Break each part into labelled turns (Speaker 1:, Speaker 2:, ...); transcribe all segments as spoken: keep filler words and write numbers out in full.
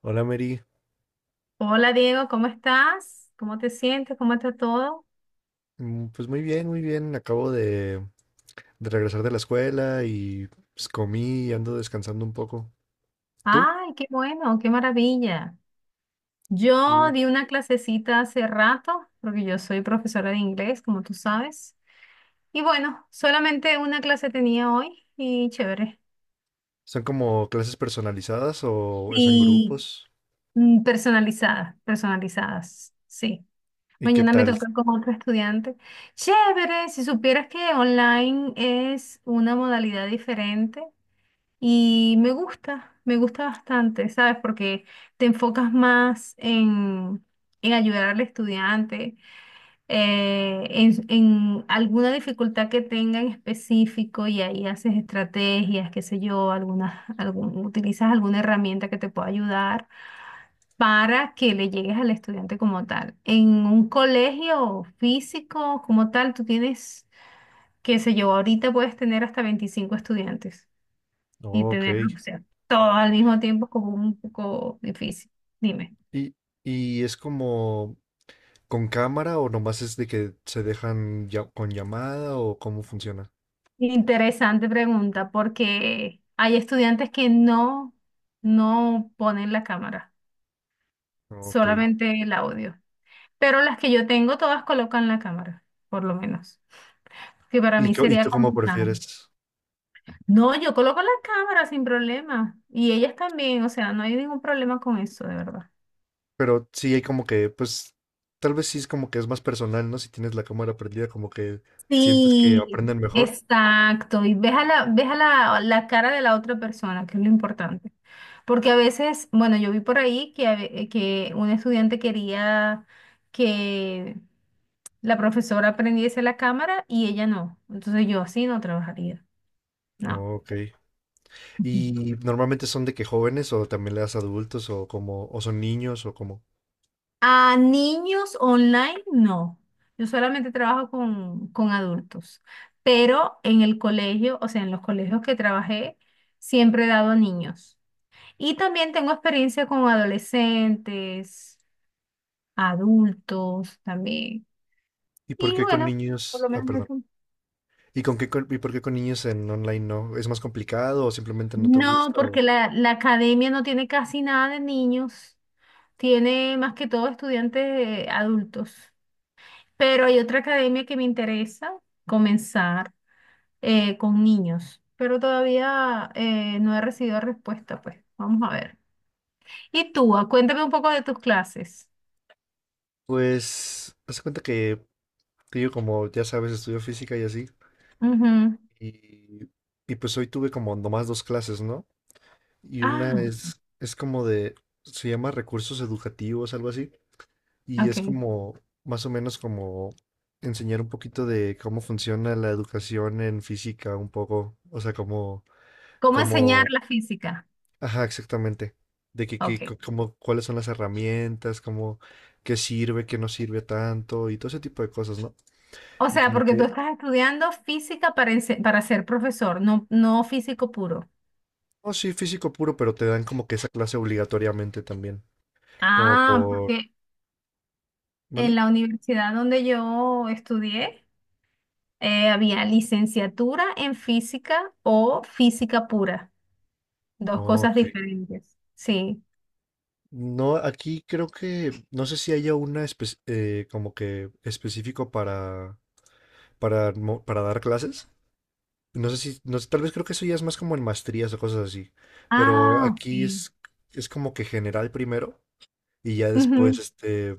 Speaker 1: Hola Mary.
Speaker 2: Hola Diego, ¿cómo estás? ¿Cómo te sientes? ¿Cómo está todo?
Speaker 1: Mm, pues muy bien, muy bien. Acabo de, de regresar de la escuela y pues comí y ando descansando un poco. ¿Tú?
Speaker 2: Ay, qué bueno, qué maravilla. Yo
Speaker 1: Sí.
Speaker 2: di una clasecita hace rato, porque yo soy profesora de inglés, como tú sabes. Y bueno, solamente una clase tenía hoy y chévere.
Speaker 1: ¿Son como clases personalizadas o es en
Speaker 2: Sí,
Speaker 1: grupos?
Speaker 2: mm, personalizadas, personalizadas, sí.
Speaker 1: ¿Y qué
Speaker 2: Mañana me
Speaker 1: tal?
Speaker 2: toca con otro estudiante. Chévere, si supieras que online es una modalidad diferente. Y me gusta, me gusta bastante, ¿sabes? Porque te enfocas más en, en ayudar al estudiante, eh, en, en alguna dificultad que tenga en específico y ahí haces estrategias, qué sé yo, algunas, algún, utilizas alguna herramienta que te pueda ayudar para que le llegues al estudiante como tal. En un colegio físico como tal, tú tienes, qué sé yo, ahorita puedes tener hasta veinticinco estudiantes y
Speaker 1: Oh, ok.
Speaker 2: tener, o sea, todo al mismo tiempo es como un poco difícil. Dime.
Speaker 1: ¿Y, y es como con cámara o nomás es de que se dejan ya- con llamada o cómo funciona?
Speaker 2: Interesante pregunta, porque hay estudiantes que no, no ponen la cámara,
Speaker 1: Ok.
Speaker 2: solamente el audio. Pero las que yo tengo, todas colocan la cámara, por lo menos. Que para
Speaker 1: ¿Y,
Speaker 2: mí
Speaker 1: co- y
Speaker 2: sería
Speaker 1: tú cómo
Speaker 2: complicado.
Speaker 1: prefieres?
Speaker 2: No, yo coloco la cámara sin problema. Y ellas también, o sea, no hay ningún problema con eso, de verdad.
Speaker 1: Pero sí hay como que, pues, tal vez sí es como que es más personal, ¿no? Si tienes la cámara prendida, como que sientes que
Speaker 2: Sí,
Speaker 1: aprenden mejor.
Speaker 2: exacto. Y ves a la, ves a la, la cara de la otra persona, que es lo importante. Porque a veces, bueno, yo vi por ahí que, a ve- que un estudiante quería que la profesora prendiese la cámara y ella no. Entonces yo así no trabajaría. No.
Speaker 1: Oh, ok. ¿Y normalmente son de que jóvenes o también le das a adultos o como, o son niños o como?
Speaker 2: A niños online, no. Yo solamente trabajo con, con adultos. Pero en el colegio, o sea, en los colegios que trabajé, siempre he dado a niños. Y también tengo experiencia con adolescentes, adultos también.
Speaker 1: ¿Y por
Speaker 2: Y
Speaker 1: qué con
Speaker 2: bueno, por
Speaker 1: niños?
Speaker 2: lo
Speaker 1: Ah,
Speaker 2: menos
Speaker 1: perdón.
Speaker 2: eso.
Speaker 1: ¿Y con qué con- y por qué con niños en online no? ¿Es más complicado o simplemente no te
Speaker 2: No,
Speaker 1: gusta? O...
Speaker 2: porque la, la academia no tiene casi nada de niños, tiene más que todo estudiantes eh, adultos. Pero hay otra academia que me interesa comenzar eh, con niños, pero todavía eh, no he recibido respuesta, pues vamos a ver. Y tú, ah, cuéntame un poco de tus clases.
Speaker 1: Pues, haz de cuenta que, que yo como ya sabes, estudio física y así.
Speaker 2: Ujú.
Speaker 1: Y, y pues hoy tuve como nomás dos clases, ¿no? Y una
Speaker 2: Ah,
Speaker 1: es, es como de, se llama recursos educativos, algo así, y
Speaker 2: ok.
Speaker 1: es como, más o menos como enseñar un poquito de cómo funciona la educación en física, un poco, o sea, como,
Speaker 2: ¿Cómo enseñar
Speaker 1: como,
Speaker 2: la física?
Speaker 1: ajá, exactamente, de que,
Speaker 2: Ok.
Speaker 1: que, co- como, cuáles son las herramientas, como, qué sirve, qué no sirve tanto, y todo ese tipo de cosas, ¿no?
Speaker 2: O
Speaker 1: Y
Speaker 2: sea,
Speaker 1: como
Speaker 2: porque tú
Speaker 1: que,
Speaker 2: estás estudiando física para, ense- para ser profesor, no, no físico puro.
Speaker 1: oh, sí, físico puro, pero te dan como que esa clase obligatoriamente también, como
Speaker 2: Ah,
Speaker 1: por,
Speaker 2: porque en
Speaker 1: ¿mande?
Speaker 2: la universidad donde yo estudié, eh, había licenciatura en física o física pura, dos cosas
Speaker 1: Ok.
Speaker 2: diferentes. Sí.
Speaker 1: No, aquí creo que, no sé si haya una espe- eh, como que específico para, para, mo- para dar clases. No sé si, no sé, tal vez creo que eso ya es más como en maestrías o cosas así. Pero
Speaker 2: Ah, ok.
Speaker 1: aquí es, es como que general primero y ya después,
Speaker 2: Ujú.
Speaker 1: este,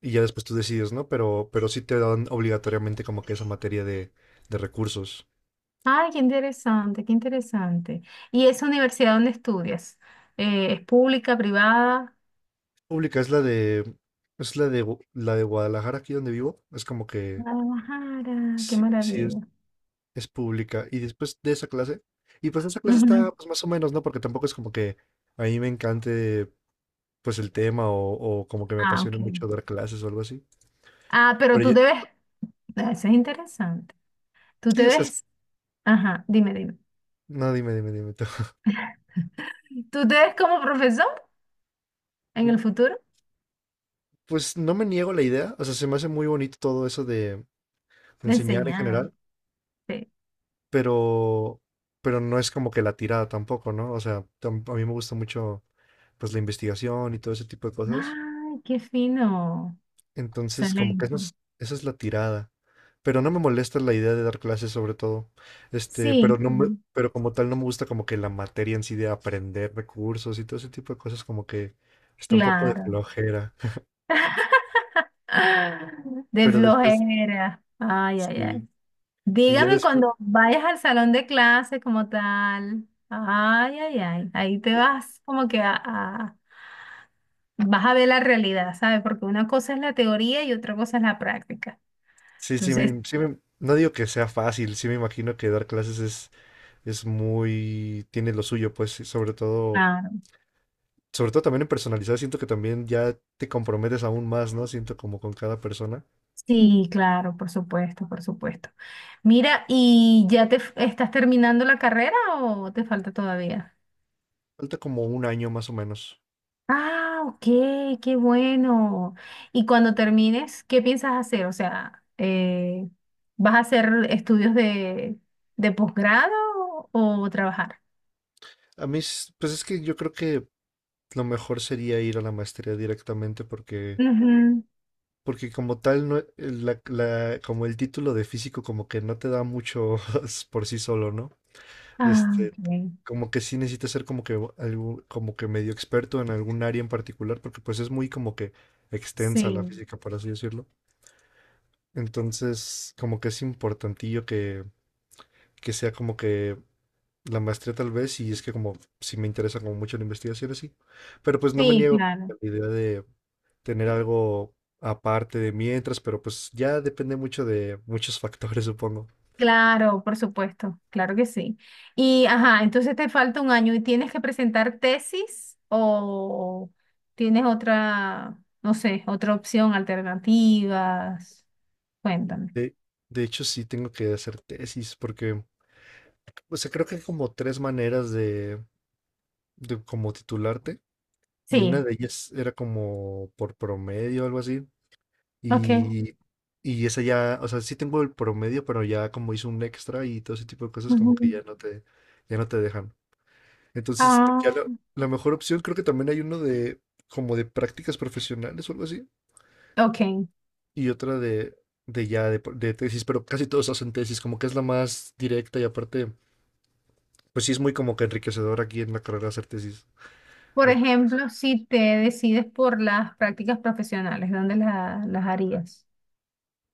Speaker 1: y ya después tú decides, ¿no? Pero, pero sí te dan obligatoriamente como que esa materia de, de recursos.
Speaker 2: Ay, qué interesante, qué interesante. ¿Y esa universidad donde estudias? Eh, ¿es pública, privada?
Speaker 1: Pública es la de, es la de, Gu- la de Guadalajara, aquí donde vivo. Es como que,
Speaker 2: Guadalajara, qué
Speaker 1: sí, sí
Speaker 2: maravilla.
Speaker 1: es pública. Y después de esa clase, y pues esa clase está
Speaker 2: Ujú.
Speaker 1: pues, más o menos, ¿no? Porque tampoco es como que a mí me encante pues el tema o, o como que me
Speaker 2: Ah,
Speaker 1: apasione
Speaker 2: ok.
Speaker 1: mucho dar clases o algo así.
Speaker 2: Ah, pero
Speaker 1: Pero
Speaker 2: tú
Speaker 1: yo,
Speaker 2: te ves, ah, eso es interesante. Tú
Speaker 1: sí,
Speaker 2: te
Speaker 1: o sea, es-
Speaker 2: ves, ajá, dime, dime.
Speaker 1: no, dime, dime, dime tú.
Speaker 2: ¿Tú te ves como profesor en el
Speaker 1: Mm,
Speaker 2: futuro?
Speaker 1: Pues no me niego la idea, o sea, se me hace muy bonito todo eso de
Speaker 2: De
Speaker 1: enseñar en
Speaker 2: enseñar.
Speaker 1: general,
Speaker 2: Sí.
Speaker 1: pero, pero no es como que la tirada tampoco, ¿no? O sea, tam- a mí me gusta mucho pues la investigación y todo ese tipo de cosas.
Speaker 2: Ay, qué fino.
Speaker 1: Entonces, como que eso
Speaker 2: Excelente.
Speaker 1: es- esa es la tirada. Pero no me molesta la idea de dar clases sobre todo. Este, pero
Speaker 2: Sí,
Speaker 1: no me-
Speaker 2: sí,
Speaker 1: pero como tal no me gusta como que la materia en sí de aprender recursos y todo ese tipo de cosas como que está un poco de
Speaker 2: claro.
Speaker 1: flojera.
Speaker 2: Ah, de
Speaker 1: Pero después,
Speaker 2: flojera. Ay, ay, ay.
Speaker 1: sí. Y ya
Speaker 2: Dígame
Speaker 1: después,
Speaker 2: cuando vayas al salón de clase como tal. Ay, ay, ay. Ahí te vas como que a, a- vas a ver la realidad, ¿sabes? Porque una cosa es la teoría y otra cosa es la práctica.
Speaker 1: sí, sí,
Speaker 2: Entonces,
Speaker 1: me, sí me- no digo que sea fácil, sí me imagino que dar clases es, es muy, tiene lo suyo, pues, sí, sobre todo,
Speaker 2: claro,
Speaker 1: sobre todo también en personalizar, siento que también ya te comprometes aún más, ¿no? Siento como con cada persona.
Speaker 2: sí, claro, por supuesto, por supuesto. Mira, ¿y ya te f- estás terminando la carrera o te falta todavía?
Speaker 1: Falta como un año más o menos.
Speaker 2: Ah, ok, qué bueno. Y cuando termines, ¿qué piensas hacer? O sea, eh, ¿vas a hacer estudios de, de posgrado o trabajar?
Speaker 1: A mí, s- pues es que yo creo que lo mejor sería ir a la maestría directamente porque,
Speaker 2: Ujú.
Speaker 1: porque como tal, no, la, la- como el título de físico como que no te da mucho por sí solo, ¿no?
Speaker 2: Ah,
Speaker 1: Este,
Speaker 2: ok.
Speaker 1: como que sí necesitas ser como que algo, como que medio experto en algún área en particular porque pues es muy como que extensa la
Speaker 2: Sí,
Speaker 1: física, por así decirlo. Entonces, como que es importantillo que, que sea como que la maestría tal vez, y es que como si me interesa como mucho la investigación así, pero pues no me
Speaker 2: sí,
Speaker 1: niego a
Speaker 2: claro.
Speaker 1: la idea de tener algo aparte de mientras, pero pues ya depende mucho de muchos factores, supongo.
Speaker 2: Claro, por supuesto, claro que sí. Y, ajá, entonces te falta un año y tienes que presentar tesis o tienes otra, no sé, otra opción, alternativas. Cuéntame.
Speaker 1: De, de hecho, sí tengo que hacer tesis, porque, o sea, creo que hay como tres maneras de, de como titularte, y una
Speaker 2: Sí,
Speaker 1: de ellas era como por promedio, algo así,
Speaker 2: ok.
Speaker 1: y, y esa ya, o sea, sí tengo el promedio, pero ya como hice un extra y todo ese tipo de cosas, como
Speaker 2: Ujú.
Speaker 1: que ya no te, ya no te dejan. Entonces, ya
Speaker 2: Ah,
Speaker 1: la, la mejor opción, creo que también hay uno de como de prácticas profesionales o algo así,
Speaker 2: ok.
Speaker 1: y otra de, de ya de, por- de tesis, pero casi todos hacen tesis, como que es la más directa y aparte, pues sí es muy como que enriquecedor aquí en la carrera hacer tesis.
Speaker 2: Por
Speaker 1: Ah,
Speaker 2: ejemplo, si te decides por las prácticas profesionales, ¿dónde la- las harías?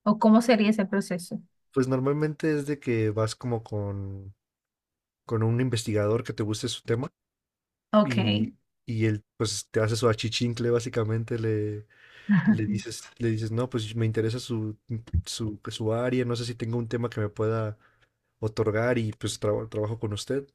Speaker 2: ¿O cómo sería ese proceso?
Speaker 1: pues normalmente es de que vas como con, con un investigador que te guste su tema
Speaker 2: Ok.
Speaker 1: y, y él pues te hace su achichincle, básicamente le, le dices, le dices, no, pues me interesa su, su, su área, no sé si tengo un tema que me pueda otorgar y pues traba- trabajo con usted.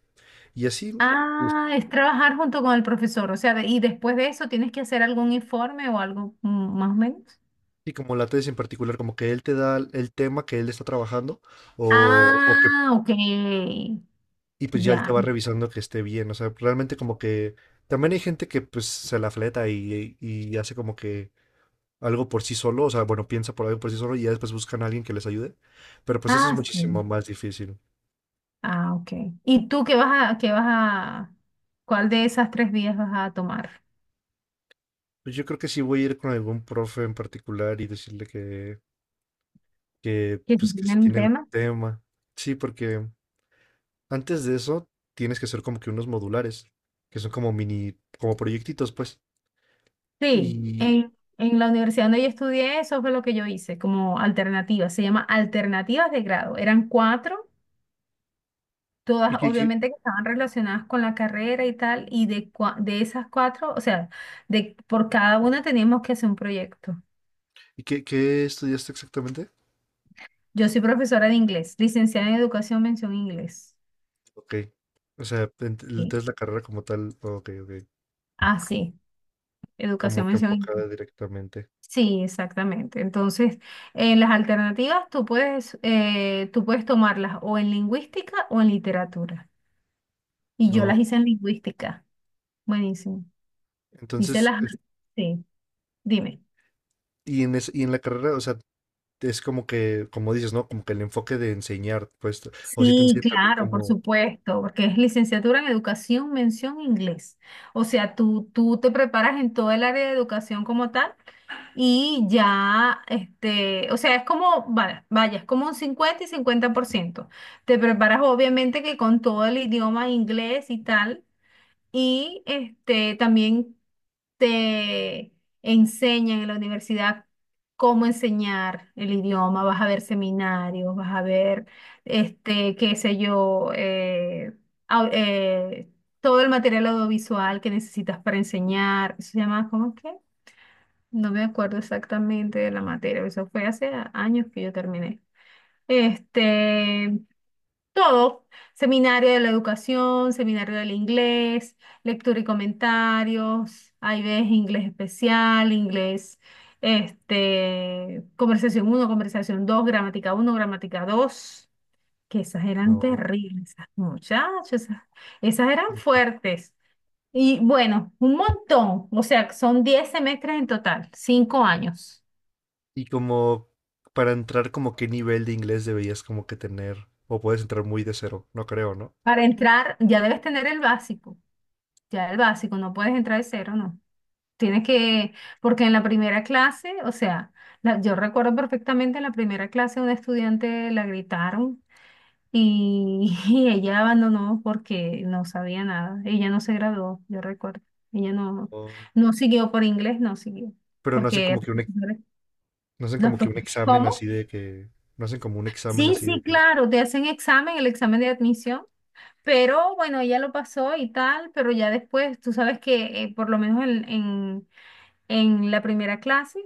Speaker 1: Y así, pues,
Speaker 2: Ah, es trabajar junto con el profesor, o sea, de- y después de eso tienes que hacer algún informe o algo mm, más o menos.
Speaker 1: y como la tesis en particular, como que él te da el tema que él está trabajando o, o que,
Speaker 2: Ah, ok,
Speaker 1: y pues ya él te
Speaker 2: ya.
Speaker 1: va revisando que esté bien. O sea, realmente como que también hay gente que pues se la fleta y, y hace como que algo por sí solo, o sea, bueno, piensa por algo por sí solo y ya después buscan a alguien que les ayude. Pero pues eso es
Speaker 2: Ah,
Speaker 1: muchísimo
Speaker 2: sí.
Speaker 1: más difícil.
Speaker 2: Ah, ok. ¿Y tú qué vas a, qué vas a, cuál de esas tres vías vas a tomar?
Speaker 1: Pues yo creo que sí voy a ir con algún profe en particular y decirle que, que
Speaker 2: ¿Que si
Speaker 1: pues que si
Speaker 2: tienen un
Speaker 1: tiene algún
Speaker 2: tema?
Speaker 1: tema. Sí, porque antes de eso, tienes que hacer como que unos modulares, que son como mini, como proyectitos, pues.
Speaker 2: Sí,
Speaker 1: ¿Y,
Speaker 2: en, en la universidad donde yo estudié, eso fue lo que yo hice como alternativa. Se llama alternativas de grado. Eran cuatro.
Speaker 1: y,
Speaker 2: Todas
Speaker 1: qué, qué-
Speaker 2: obviamente que estaban relacionadas con la carrera y tal, y de, cua- de esas cuatro, o sea, de, por cada una teníamos que hacer un proyecto.
Speaker 1: y qué- Qué estudiaste exactamente?
Speaker 2: Yo soy profesora de inglés, licenciada en educación, mención inglés.
Speaker 1: Ok. O sea, ent-
Speaker 2: Sí.
Speaker 1: entonces la carrera como tal, ok, ok.
Speaker 2: Ah, sí,
Speaker 1: Como
Speaker 2: educación,
Speaker 1: que
Speaker 2: mención inglés.
Speaker 1: enfocada directamente.
Speaker 2: Sí, exactamente. Entonces, en las alternativas tú puedes, eh, tú puedes tomarlas o en lingüística o en literatura. Y yo las
Speaker 1: No.
Speaker 2: hice en lingüística. Buenísimo. Hice
Speaker 1: Entonces,
Speaker 2: las...
Speaker 1: es-
Speaker 2: Sí, dime.
Speaker 1: y en, es- y en la carrera, o sea, es como que, como dices, ¿no? Como que el enfoque de enseñar, pues, o si te
Speaker 2: Sí,
Speaker 1: enseñan también
Speaker 2: claro, por
Speaker 1: como,
Speaker 2: supuesto, porque es licenciatura en educación, mención inglés. O sea, tú, tú te preparas en todo el área de educación como tal y ya, este, o sea, es como, vaya, vaya, es como un cincuenta y cincuenta por ciento. Te preparas obviamente que con todo el idioma inglés y tal, y este, también te enseñan en la universidad cómo enseñar el idioma, vas a ver seminarios, vas a ver, este, qué sé yo, eh, au- eh, todo el material audiovisual que necesitas para enseñar. Eso se llama, ¿cómo es que? No me acuerdo exactamente de la materia, eso fue hace a- años que yo terminé. Este, todo, seminario de la educación, seminario del inglés, lectura y comentarios, ahí ves inglés especial, inglés, este, conversación uno, conversación dos, gramática uno, gramática dos. Que esas eran
Speaker 1: no.
Speaker 2: terribles, esas muchachas, esas, esas eran fuertes. Y bueno, un montón, o sea, son diez semestres en total, cinco años.
Speaker 1: Y como para entrar, como qué nivel de inglés deberías como que tener, o puedes entrar muy de cero, no creo, ¿no?
Speaker 2: Para entrar ya debes tener el básico, ya el básico, no puedes entrar de cero, ¿no? Tienes que, porque en la primera clase, o sea, la- yo recuerdo perfectamente en la primera clase una estudiante la gritaron y, y ella abandonó porque no sabía nada. Ella no se graduó, yo recuerdo. Ella no,
Speaker 1: O-
Speaker 2: no siguió por inglés, no siguió.
Speaker 1: Pero no hacen
Speaker 2: Porque
Speaker 1: como que un, ex- no hacen
Speaker 2: los
Speaker 1: como que un
Speaker 2: profesores-
Speaker 1: examen
Speaker 2: ¿Cómo?
Speaker 1: así de que, no hacen como un examen
Speaker 2: Sí,
Speaker 1: así de
Speaker 2: sí,
Speaker 1: que,
Speaker 2: claro, te hacen examen, el examen de admisión. Pero bueno, ella lo pasó y tal, pero ya después, tú sabes que eh, por lo menos en, en en la primera clase,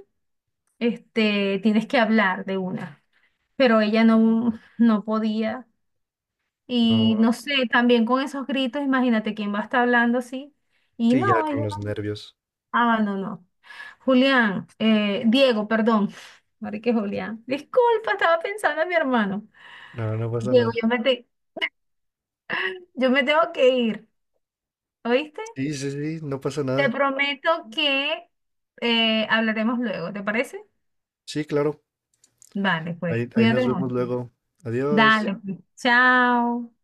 Speaker 2: este, tienes que hablar de una. Pero ella no, no podía. Y
Speaker 1: no,
Speaker 2: no sé, también con esos gritos, imagínate quién va a estar hablando así. Y
Speaker 1: sí, ya
Speaker 2: no,
Speaker 1: con
Speaker 2: ella
Speaker 1: los nervios.
Speaker 2: abandonó. Julián, eh, Diego, perdón. Marique Julián. Disculpa, estaba pensando en mi hermano.
Speaker 1: No, no pasa
Speaker 2: Diego,
Speaker 1: nada.
Speaker 2: yo me, te- yo me tengo que ir. ¿Oíste?
Speaker 1: Sí, sí, sí, no pasa
Speaker 2: Te
Speaker 1: nada.
Speaker 2: prometo que eh, hablaremos luego, ¿te parece?
Speaker 1: Sí, claro.
Speaker 2: Vale, pues,
Speaker 1: Ahí, ahí
Speaker 2: cuídate
Speaker 1: nos
Speaker 2: mucho.
Speaker 1: vemos luego. Adiós.
Speaker 2: Dale, pues. Chao.